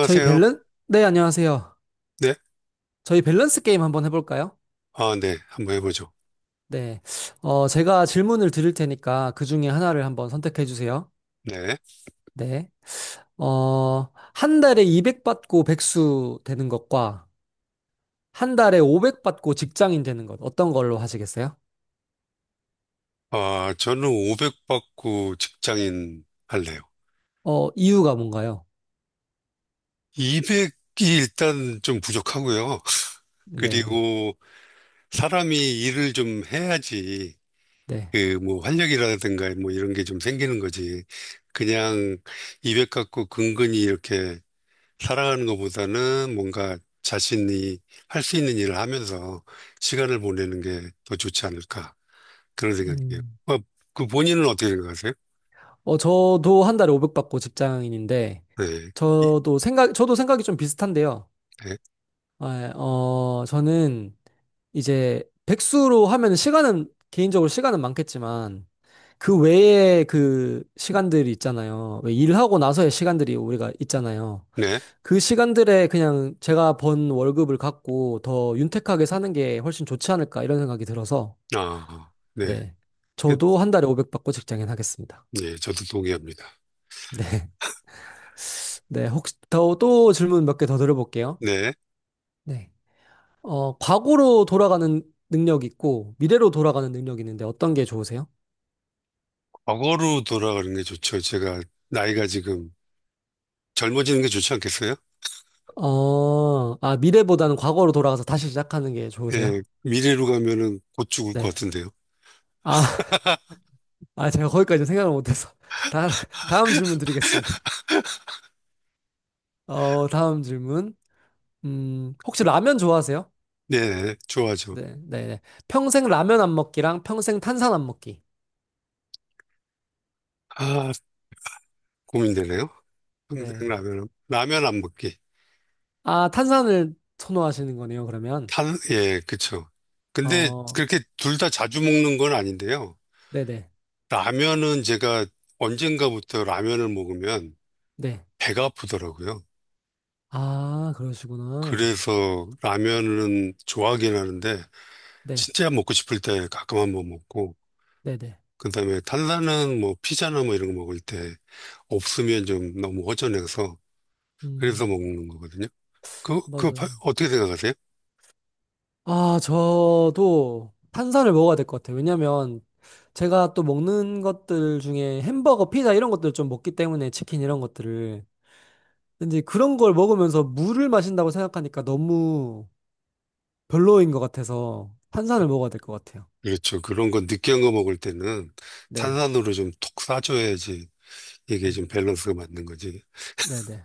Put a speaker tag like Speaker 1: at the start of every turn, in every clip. Speaker 1: 저희 밸런? 네, 안녕하세요.
Speaker 2: 네.
Speaker 1: 저희 밸런스 게임 한번 해볼까요?
Speaker 2: 아, 네. 한번 해보죠.
Speaker 1: 네. 제가 질문을 드릴 테니까 그 중에 하나를 한번 선택해 주세요.
Speaker 2: 네.
Speaker 1: 네. 한 달에 200 받고 백수 되는 것과 한 달에 500 받고 직장인 되는 것 어떤 걸로 하시겠어요?
Speaker 2: 아, 저는 500 받고 직장인 할래요.
Speaker 1: 이유가 뭔가요?
Speaker 2: 200이 일단 좀 부족하고요.
Speaker 1: 네.
Speaker 2: 그리고 사람이 일을 좀 해야지
Speaker 1: 네.
Speaker 2: 그 뭐 활력이라든가 뭐 이런 게 좀 생기는 거지. 그냥 200 갖고 근근히 이렇게 살아가는 것보다는 뭔가 자신이 할 수 있는 일을 하면서 시간을 보내는 게 더 좋지 않을까. 그런 생각이에요.
Speaker 1: 음.
Speaker 2: 어, 그 본인은 어떻게 생각하세요?
Speaker 1: 저도 한 달에 500 받고 직장인인데
Speaker 2: 네. 이-
Speaker 1: 저도 생각이 좀 비슷한데요.
Speaker 2: 네.
Speaker 1: 아, 예. 저는 이제 백수로 하면 시간은 개인적으로 시간은 많겠지만 그 외에 그 시간들이 있잖아요. 왜 일하고 나서의 시간들이 우리가 있잖아요.
Speaker 2: 네.
Speaker 1: 그 시간들에 그냥 제가 번 월급을 갖고 더 윤택하게 사는 게 훨씬 좋지 않을까 이런 생각이 들어서
Speaker 2: 아, 네.
Speaker 1: 네.
Speaker 2: 그-
Speaker 1: 저도 한 달에 500 받고 직장인 하겠습니다.
Speaker 2: 네, 저도 동의합니다.
Speaker 1: 네. 네. 혹시 더 또 질문 몇 개 더 드려볼게요.
Speaker 2: 네.
Speaker 1: 네. 과거로 돌아가는 능력이 있고, 미래로 돌아가는 능력이 있는데 어떤 게 좋으세요?
Speaker 2: 과거로 돌아가는 게 좋죠. 제가 나이가 지금 젊어지는 게 좋지 않겠어요?
Speaker 1: 미래보다는 과거로 돌아가서 다시 시작하는 게 좋으세요?
Speaker 2: 예, 미래로 가면은 곧 죽을 것
Speaker 1: 네.
Speaker 2: 같은데요.
Speaker 1: 아, 아, 제가 거기까지 생각을 못해서. 다, 다음 질문 드리겠습니다. 다음 질문. 혹시 라면 좋아하세요?
Speaker 2: 네, 좋아하죠.
Speaker 1: 네, 네, 네. 평생 라면 안 먹기랑 평생 탄산 안 먹기.
Speaker 2: 아, 고민되네요. 평생
Speaker 1: 네.
Speaker 2: 라면 안 먹기.
Speaker 1: 아, 탄산을 선호하시는 거네요, 그러면.
Speaker 2: 예, 그쵸. 근데
Speaker 1: 어,
Speaker 2: 그렇게 둘 다 자주 먹는 건 아닌데요.
Speaker 1: 네네. 네.
Speaker 2: 라면은 제가 언젠가부터 라면을 먹으면
Speaker 1: 네. 네.
Speaker 2: 배가 아프더라고요.
Speaker 1: 아, 그러시구나.
Speaker 2: 그래서 라면은 좋아하긴 하는데
Speaker 1: 네,
Speaker 2: 진짜 먹고 싶을 때 가끔 한번 먹고
Speaker 1: 네네.
Speaker 2: 그다음에 탄산은 뭐 피자나 뭐 이런 거 먹을 때 없으면 좀 너무 허전해서 그래서
Speaker 1: 음,
Speaker 2: 먹는 거거든요.
Speaker 1: 맞아요.
Speaker 2: 어떻게 생각하세요?
Speaker 1: 아, 저도 탄산을 먹어야 될 것 같아요. 왜냐면 제가 또 먹는 것들 중에 햄버거, 피자 이런 것들을 좀 먹기 때문에 치킨 이런 것들을. 근데 이제 그런 걸 먹으면서 물을 마신다고 생각하니까 너무 별로인 것 같아서 탄산을 먹어야 될 것 같아요.
Speaker 2: 그렇죠. 그런 거 느끼한 거 먹을 때는
Speaker 1: 네.
Speaker 2: 탄산으로 좀 톡 싸줘야지 이게
Speaker 1: 음,
Speaker 2: 좀 밸런스가 맞는 거지.
Speaker 1: 네네.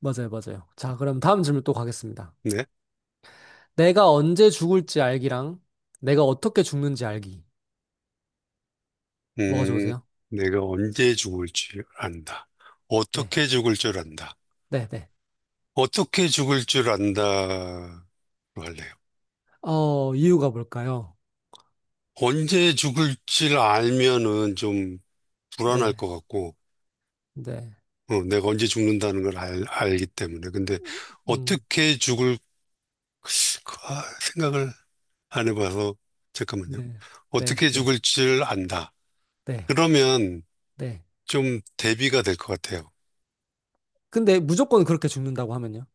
Speaker 1: 맞아요, 맞아요. 자, 그럼 다음 질문 또 가겠습니다.
Speaker 2: 네.
Speaker 1: 내가 언제 죽을지 알기랑 내가 어떻게 죽는지 알기. 뭐가
Speaker 2: 음,
Speaker 1: 좋으세요?
Speaker 2: 내가 언제 죽을 줄 안다.
Speaker 1: 네.
Speaker 2: 어떻게 죽을 줄 안다.
Speaker 1: 네네.
Speaker 2: 어떻게 죽을 줄 안다로 할래요.
Speaker 1: 이유가 뭘까요?
Speaker 2: 언제 죽을지 알면은 좀 불안할
Speaker 1: 네,
Speaker 2: 것 같고,
Speaker 1: 네,
Speaker 2: 내가 언제 죽는다는 걸 알기 때문에. 근데
Speaker 1: 음,
Speaker 2: 어떻게 죽을 까 생각을 안 해봐서, 잠깐만요.
Speaker 1: 네, 네,
Speaker 2: 어떻게
Speaker 1: 네,
Speaker 2: 죽을 줄 안다.
Speaker 1: 네,
Speaker 2: 그러면
Speaker 1: 네.
Speaker 2: 좀 대비가 될 것 같아요.
Speaker 1: 근데 무조건 그렇게 죽는다고 하면요.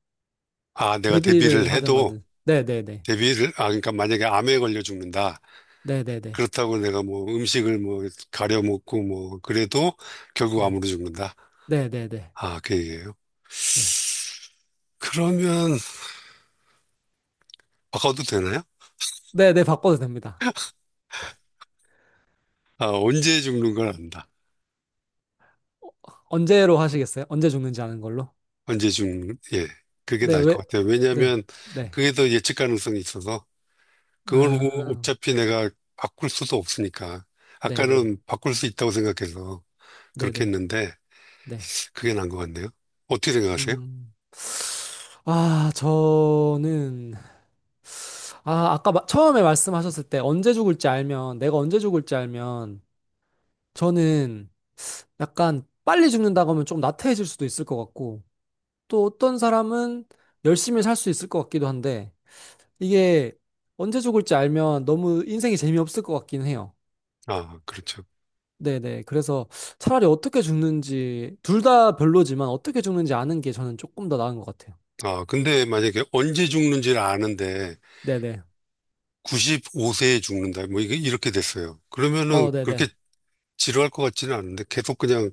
Speaker 2: 아, 내가 대비를
Speaker 1: 데뷔를 하든
Speaker 2: 해도,
Speaker 1: 말든. 네, 네, 네,
Speaker 2: 아, 그러니까 만약에 암에 걸려 죽는다.
Speaker 1: 네, 네, 네,
Speaker 2: 그렇다고 내가 뭐 음식을 뭐 가려 먹고 뭐 그래도 결국
Speaker 1: 네,
Speaker 2: 암으로 죽는다.
Speaker 1: 네, 네, 네,
Speaker 2: 아, 그 얘기예요.
Speaker 1: 네,
Speaker 2: 그러면 바꿔도 되나요?
Speaker 1: 네, 네, 바꿔도 됩니다.
Speaker 2: 아, 언제 죽는 걸 안다.
Speaker 1: 어, 언제로 하시겠어요? 언제 죽는지 아는 걸로?
Speaker 2: 언제 죽는, 예. 그게
Speaker 1: 네,
Speaker 2: 나을
Speaker 1: 왜?
Speaker 2: 것 같아요.
Speaker 1: 네,
Speaker 2: 왜냐하면
Speaker 1: 네,
Speaker 2: 그게 더 예측 가능성이 있어서 그걸
Speaker 1: 아,
Speaker 2: 어차피 내가 바꿀 수도 없으니까.
Speaker 1: 네, 네,
Speaker 2: 아까는 바꿀 수 있다고 생각해서
Speaker 1: 네,
Speaker 2: 그렇게
Speaker 1: 네,
Speaker 2: 했는데
Speaker 1: 네.
Speaker 2: 그게 나은 것 같네요. 어떻게 생각하세요?
Speaker 1: 음, 저는 아까 처음에 말씀하셨을 때 언제 죽을지 알면 내가 언제 죽을지 알면 저는 약간 빨리 죽는다고 하면 좀 나태해질 수도 있을 것 같고, 또 어떤 사람은 열심히 살 수 있을 것 같기도 한데, 이게 언제 죽을지 알면 너무 인생이 재미없을 것 같긴 해요.
Speaker 2: 아, 그렇죠.
Speaker 1: 네네. 그래서 차라리 어떻게 죽는지, 둘 다 별로지만 어떻게 죽는지 아는 게 저는 조금 더 나은 것 같아요.
Speaker 2: 아, 근데 만약에 언제 죽는지를 아는데
Speaker 1: 네네.
Speaker 2: 95세에 죽는다. 뭐 이게 이렇게 됐어요. 그러면은 그렇게
Speaker 1: 네네.
Speaker 2: 지루할 것 같지는 않은데 계속 그냥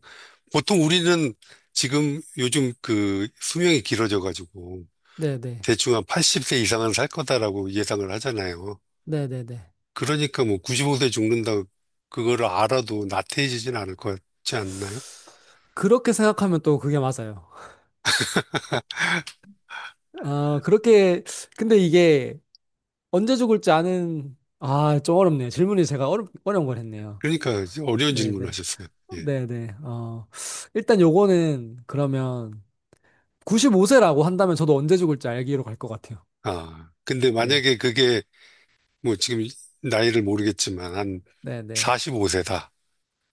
Speaker 2: 보통 우리는 지금 요즘 그 수명이 길어져 가지고
Speaker 1: 네네.
Speaker 2: 대충 한 80세 이상은 살 거다라고 예상을 하잖아요.
Speaker 1: 네네네.
Speaker 2: 그러니까 뭐 95세 죽는다 그거를 알아도 나태해지진 않을 것 같지 않나요?
Speaker 1: 그렇게 생각하면 또 그게 맞아요. 아, 그렇게, 근데 이게 언제 죽을지 아는, 아, 좀 어렵네요. 질문이 제가 어려운 걸 했네요.
Speaker 2: 그러니까 이제 어려운 질문을
Speaker 1: 네네.
Speaker 2: 하셨어요. 예.
Speaker 1: 네네. 일단 요거는 그러면 95세라고 한다면 저도 언제 죽을지 알기로 갈 것 같아요.
Speaker 2: 아, 근데
Speaker 1: 네.
Speaker 2: 만약에 그게 뭐 지금 나이를 모르겠지만 한
Speaker 1: 네네.
Speaker 2: 45세다.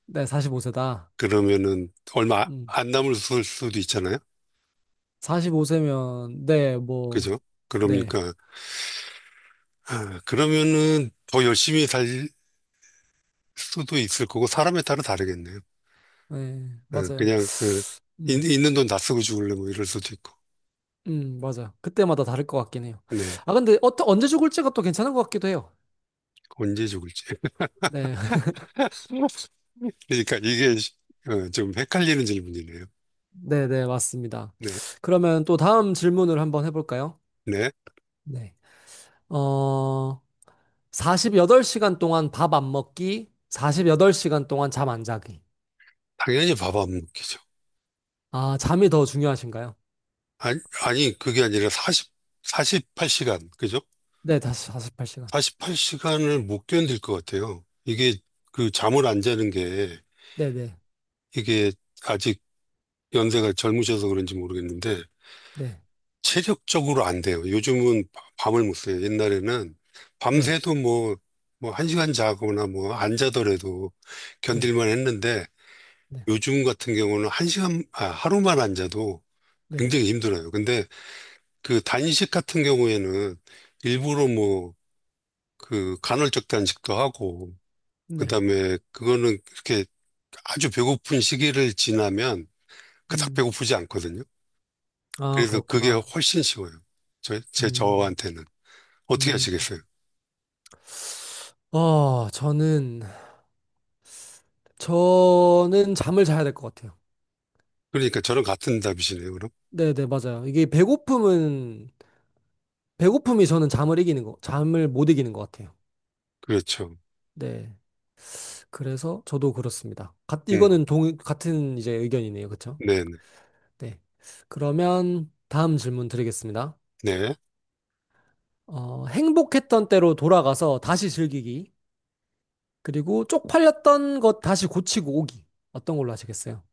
Speaker 1: 네, 45세다.
Speaker 2: 그러면은 얼마
Speaker 1: 음.
Speaker 2: 안 남을 수도 있잖아요.
Speaker 1: 45세면, 네, 뭐,
Speaker 2: 그죠?
Speaker 1: 네.
Speaker 2: 그러니까 아, 그러면은 더 열심히 살 수도 있을 거고 사람에 따라 다르겠네요.
Speaker 1: 네, 맞아요.
Speaker 2: 그냥 그 있,
Speaker 1: 음,
Speaker 2: 있는 돈 다 쓰고 죽을래 뭐 이럴 수도 있고.
Speaker 1: 맞아요. 그때마다 다를 것 같긴 해요.
Speaker 2: 네.
Speaker 1: 아, 근데 언제 죽을지가 또 괜찮은 것 같기도 해요.
Speaker 2: 언제 죽을지.
Speaker 1: 네.
Speaker 2: 그러니까 이게 좀 헷갈리는 질문이네요.
Speaker 1: 네네, 맞습니다.
Speaker 2: 네.
Speaker 1: 그러면 또 다음 질문을 한번 해볼까요?
Speaker 2: 네.
Speaker 1: 네. 어, 48시간 동안 밥 안 먹기, 48시간 동안 잠 안 자기.
Speaker 2: 당연히 밥 안 먹기죠.
Speaker 1: 아, 잠이 더 중요하신가요?
Speaker 2: 아니, 아니 그게 아니라 사십 사 48시간. 그죠?
Speaker 1: 네, 다시 48시간.
Speaker 2: 48시간을 못 견딜 것 같아요. 이게 그 잠을 안 자는 게
Speaker 1: 네, 네,
Speaker 2: 이게 아직 연세가 젊으셔서 그런지 모르겠는데
Speaker 1: 네,
Speaker 2: 체력적으로 안 돼요. 요즘은 밤을 못 새요. 옛날에는
Speaker 1: 네,
Speaker 2: 밤새도 뭐, 뭐 한 시간 자거나 뭐 안 자더라도
Speaker 1: 네,
Speaker 2: 견딜만 했는데
Speaker 1: 네,
Speaker 2: 요즘 같은 경우는 하루만 안 자도
Speaker 1: 네,
Speaker 2: 굉장히 힘들어요. 근데 그 단식 같은 경우에는 일부러 뭐 그 간헐적 단식도 하고
Speaker 1: 네.
Speaker 2: 그다음에 그거는 이렇게 아주 배고픈 시기를 지나면 그닥
Speaker 1: 음,
Speaker 2: 배고프지 않거든요.
Speaker 1: 아,
Speaker 2: 그래서 그게
Speaker 1: 그렇구나.
Speaker 2: 훨씬 쉬워요. 저, 제
Speaker 1: 음,
Speaker 2: 저한테는. 어떻게
Speaker 1: 음.
Speaker 2: 하시겠어요?
Speaker 1: 어, 저는, 저는 잠을 자야 될 것 같아요.
Speaker 2: 그러니까 저랑 같은 답이시네요, 그럼?
Speaker 1: 네, 네, 맞아요. 이게 배고픔이 저는 잠을 못 이기는 것 같아요.
Speaker 2: 그렇죠.
Speaker 1: 네. 그래서 저도 그렇습니다.
Speaker 2: 음,
Speaker 1: 이거는 같은 이제 의견이네요. 그쵸?
Speaker 2: 네네.
Speaker 1: 네. 그러면 다음 질문 드리겠습니다.
Speaker 2: 네.
Speaker 1: 행복했던 때로 돌아가서 다시 즐기기. 그리고 쪽팔렸던 것 다시 고치고 오기. 어떤 걸로 하시겠어요?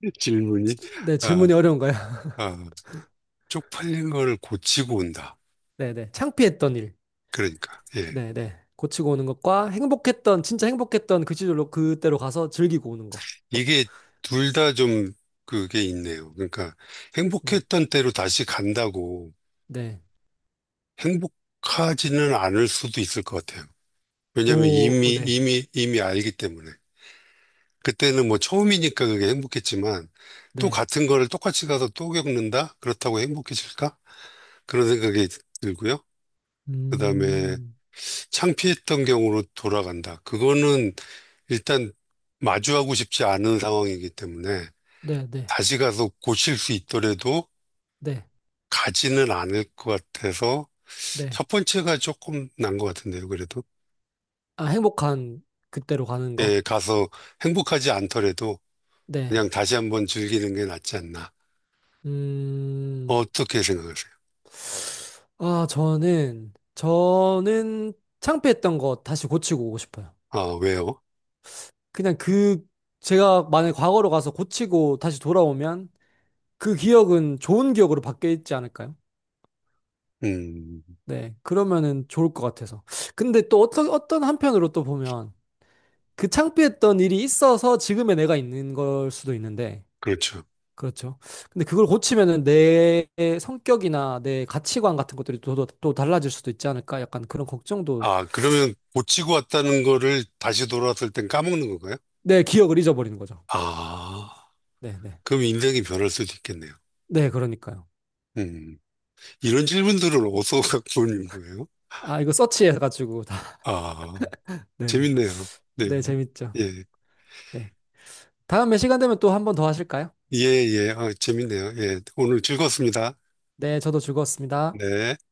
Speaker 2: 질문이,
Speaker 1: 네,
Speaker 2: 아,
Speaker 1: 질문이 어려운가요?
Speaker 2: 아, 쪽팔린 걸 고치고 온다.
Speaker 1: 네네. 창피했던 일.
Speaker 2: 그러니까, 예.
Speaker 1: 네네. 고치고 오는 것과 진짜 행복했던 그 시절로 그때로 가서 즐기고 오는 거. 어,
Speaker 2: 이게 둘 다 좀 그게 있네요. 그러니까
Speaker 1: 음,
Speaker 2: 행복했던 때로 다시 간다고
Speaker 1: 네.
Speaker 2: 행복하지는 않을 수도 있을 것 같아요. 왜냐하면
Speaker 1: 오,
Speaker 2: 이미,
Speaker 1: 네.
Speaker 2: 이미, 이미 알기 때문에. 그때는 뭐 처음이니까 그게 행복했지만 또
Speaker 1: 네.
Speaker 2: 같은 거를 똑같이 가서 또 겪는다? 그렇다고 행복해질까? 그런 생각이 들고요. 그다음에
Speaker 1: 음,
Speaker 2: 창피했던 경우로 돌아간다. 그거는 일단 마주하고 싶지 않은 상황이기 때문에
Speaker 1: 네, 네,
Speaker 2: 다시 가서 고칠 수 있더라도
Speaker 1: 네,
Speaker 2: 가지는 않을 것 같아서
Speaker 1: 네.
Speaker 2: 첫 번째가 조금 난 것 같은데요. 그래도
Speaker 1: 아, 행복한 그때로 가는 거?
Speaker 2: 예, 가서 행복하지 않더라도
Speaker 1: 네.
Speaker 2: 그냥 다시 한번 즐기는 게 낫지 않나.
Speaker 1: 음,
Speaker 2: 어떻게 생각하세요?
Speaker 1: 아, 저는 창피했던 거 다시 고치고 오고 싶어요.
Speaker 2: 아, 왜요?
Speaker 1: 그냥 제가 만약 과거로 가서 고치고 다시 돌아오면 그 기억은 좋은 기억으로 바뀌어 있지 않을까요?
Speaker 2: 음,
Speaker 1: 네. 그러면은 좋을 것 같아서. 근데 또 어떤 한편으로 또 보면 그 창피했던 일이 있어서 지금의 내가 있는 걸 수도 있는데
Speaker 2: 그렇죠.
Speaker 1: 그렇죠. 근데 그걸 고치면은 내 성격이나 내 가치관 같은 것들이 또, 또, 또 달라질 수도 있지 않을까? 약간 그런 걱정도
Speaker 2: 아, 그러면 고치고 왔다는 거를 다시 돌아왔을 땐 까먹는 건가요?
Speaker 1: 내 기억을 잊어버리는 거죠.
Speaker 2: 아,
Speaker 1: 네, 네.
Speaker 2: 그럼 인생이 변할 수도 있겠네요.
Speaker 1: 네, 그러니까요.
Speaker 2: 음, 이런 질문들을 어디서 갖고 오는 거예요?
Speaker 1: 아, 이거 서치해가지고 다.
Speaker 2: 아,
Speaker 1: 네.
Speaker 2: 재밌네요. 네,
Speaker 1: 네,
Speaker 2: 네.
Speaker 1: 재밌죠.
Speaker 2: 예,
Speaker 1: 네. 다음에 시간 되면 또 한 번 더 하실까요?
Speaker 2: 예, 예, 아, 재밌네요. 예, 오늘 즐거웠습니다.
Speaker 1: 네, 저도 즐거웠습니다.
Speaker 2: 네.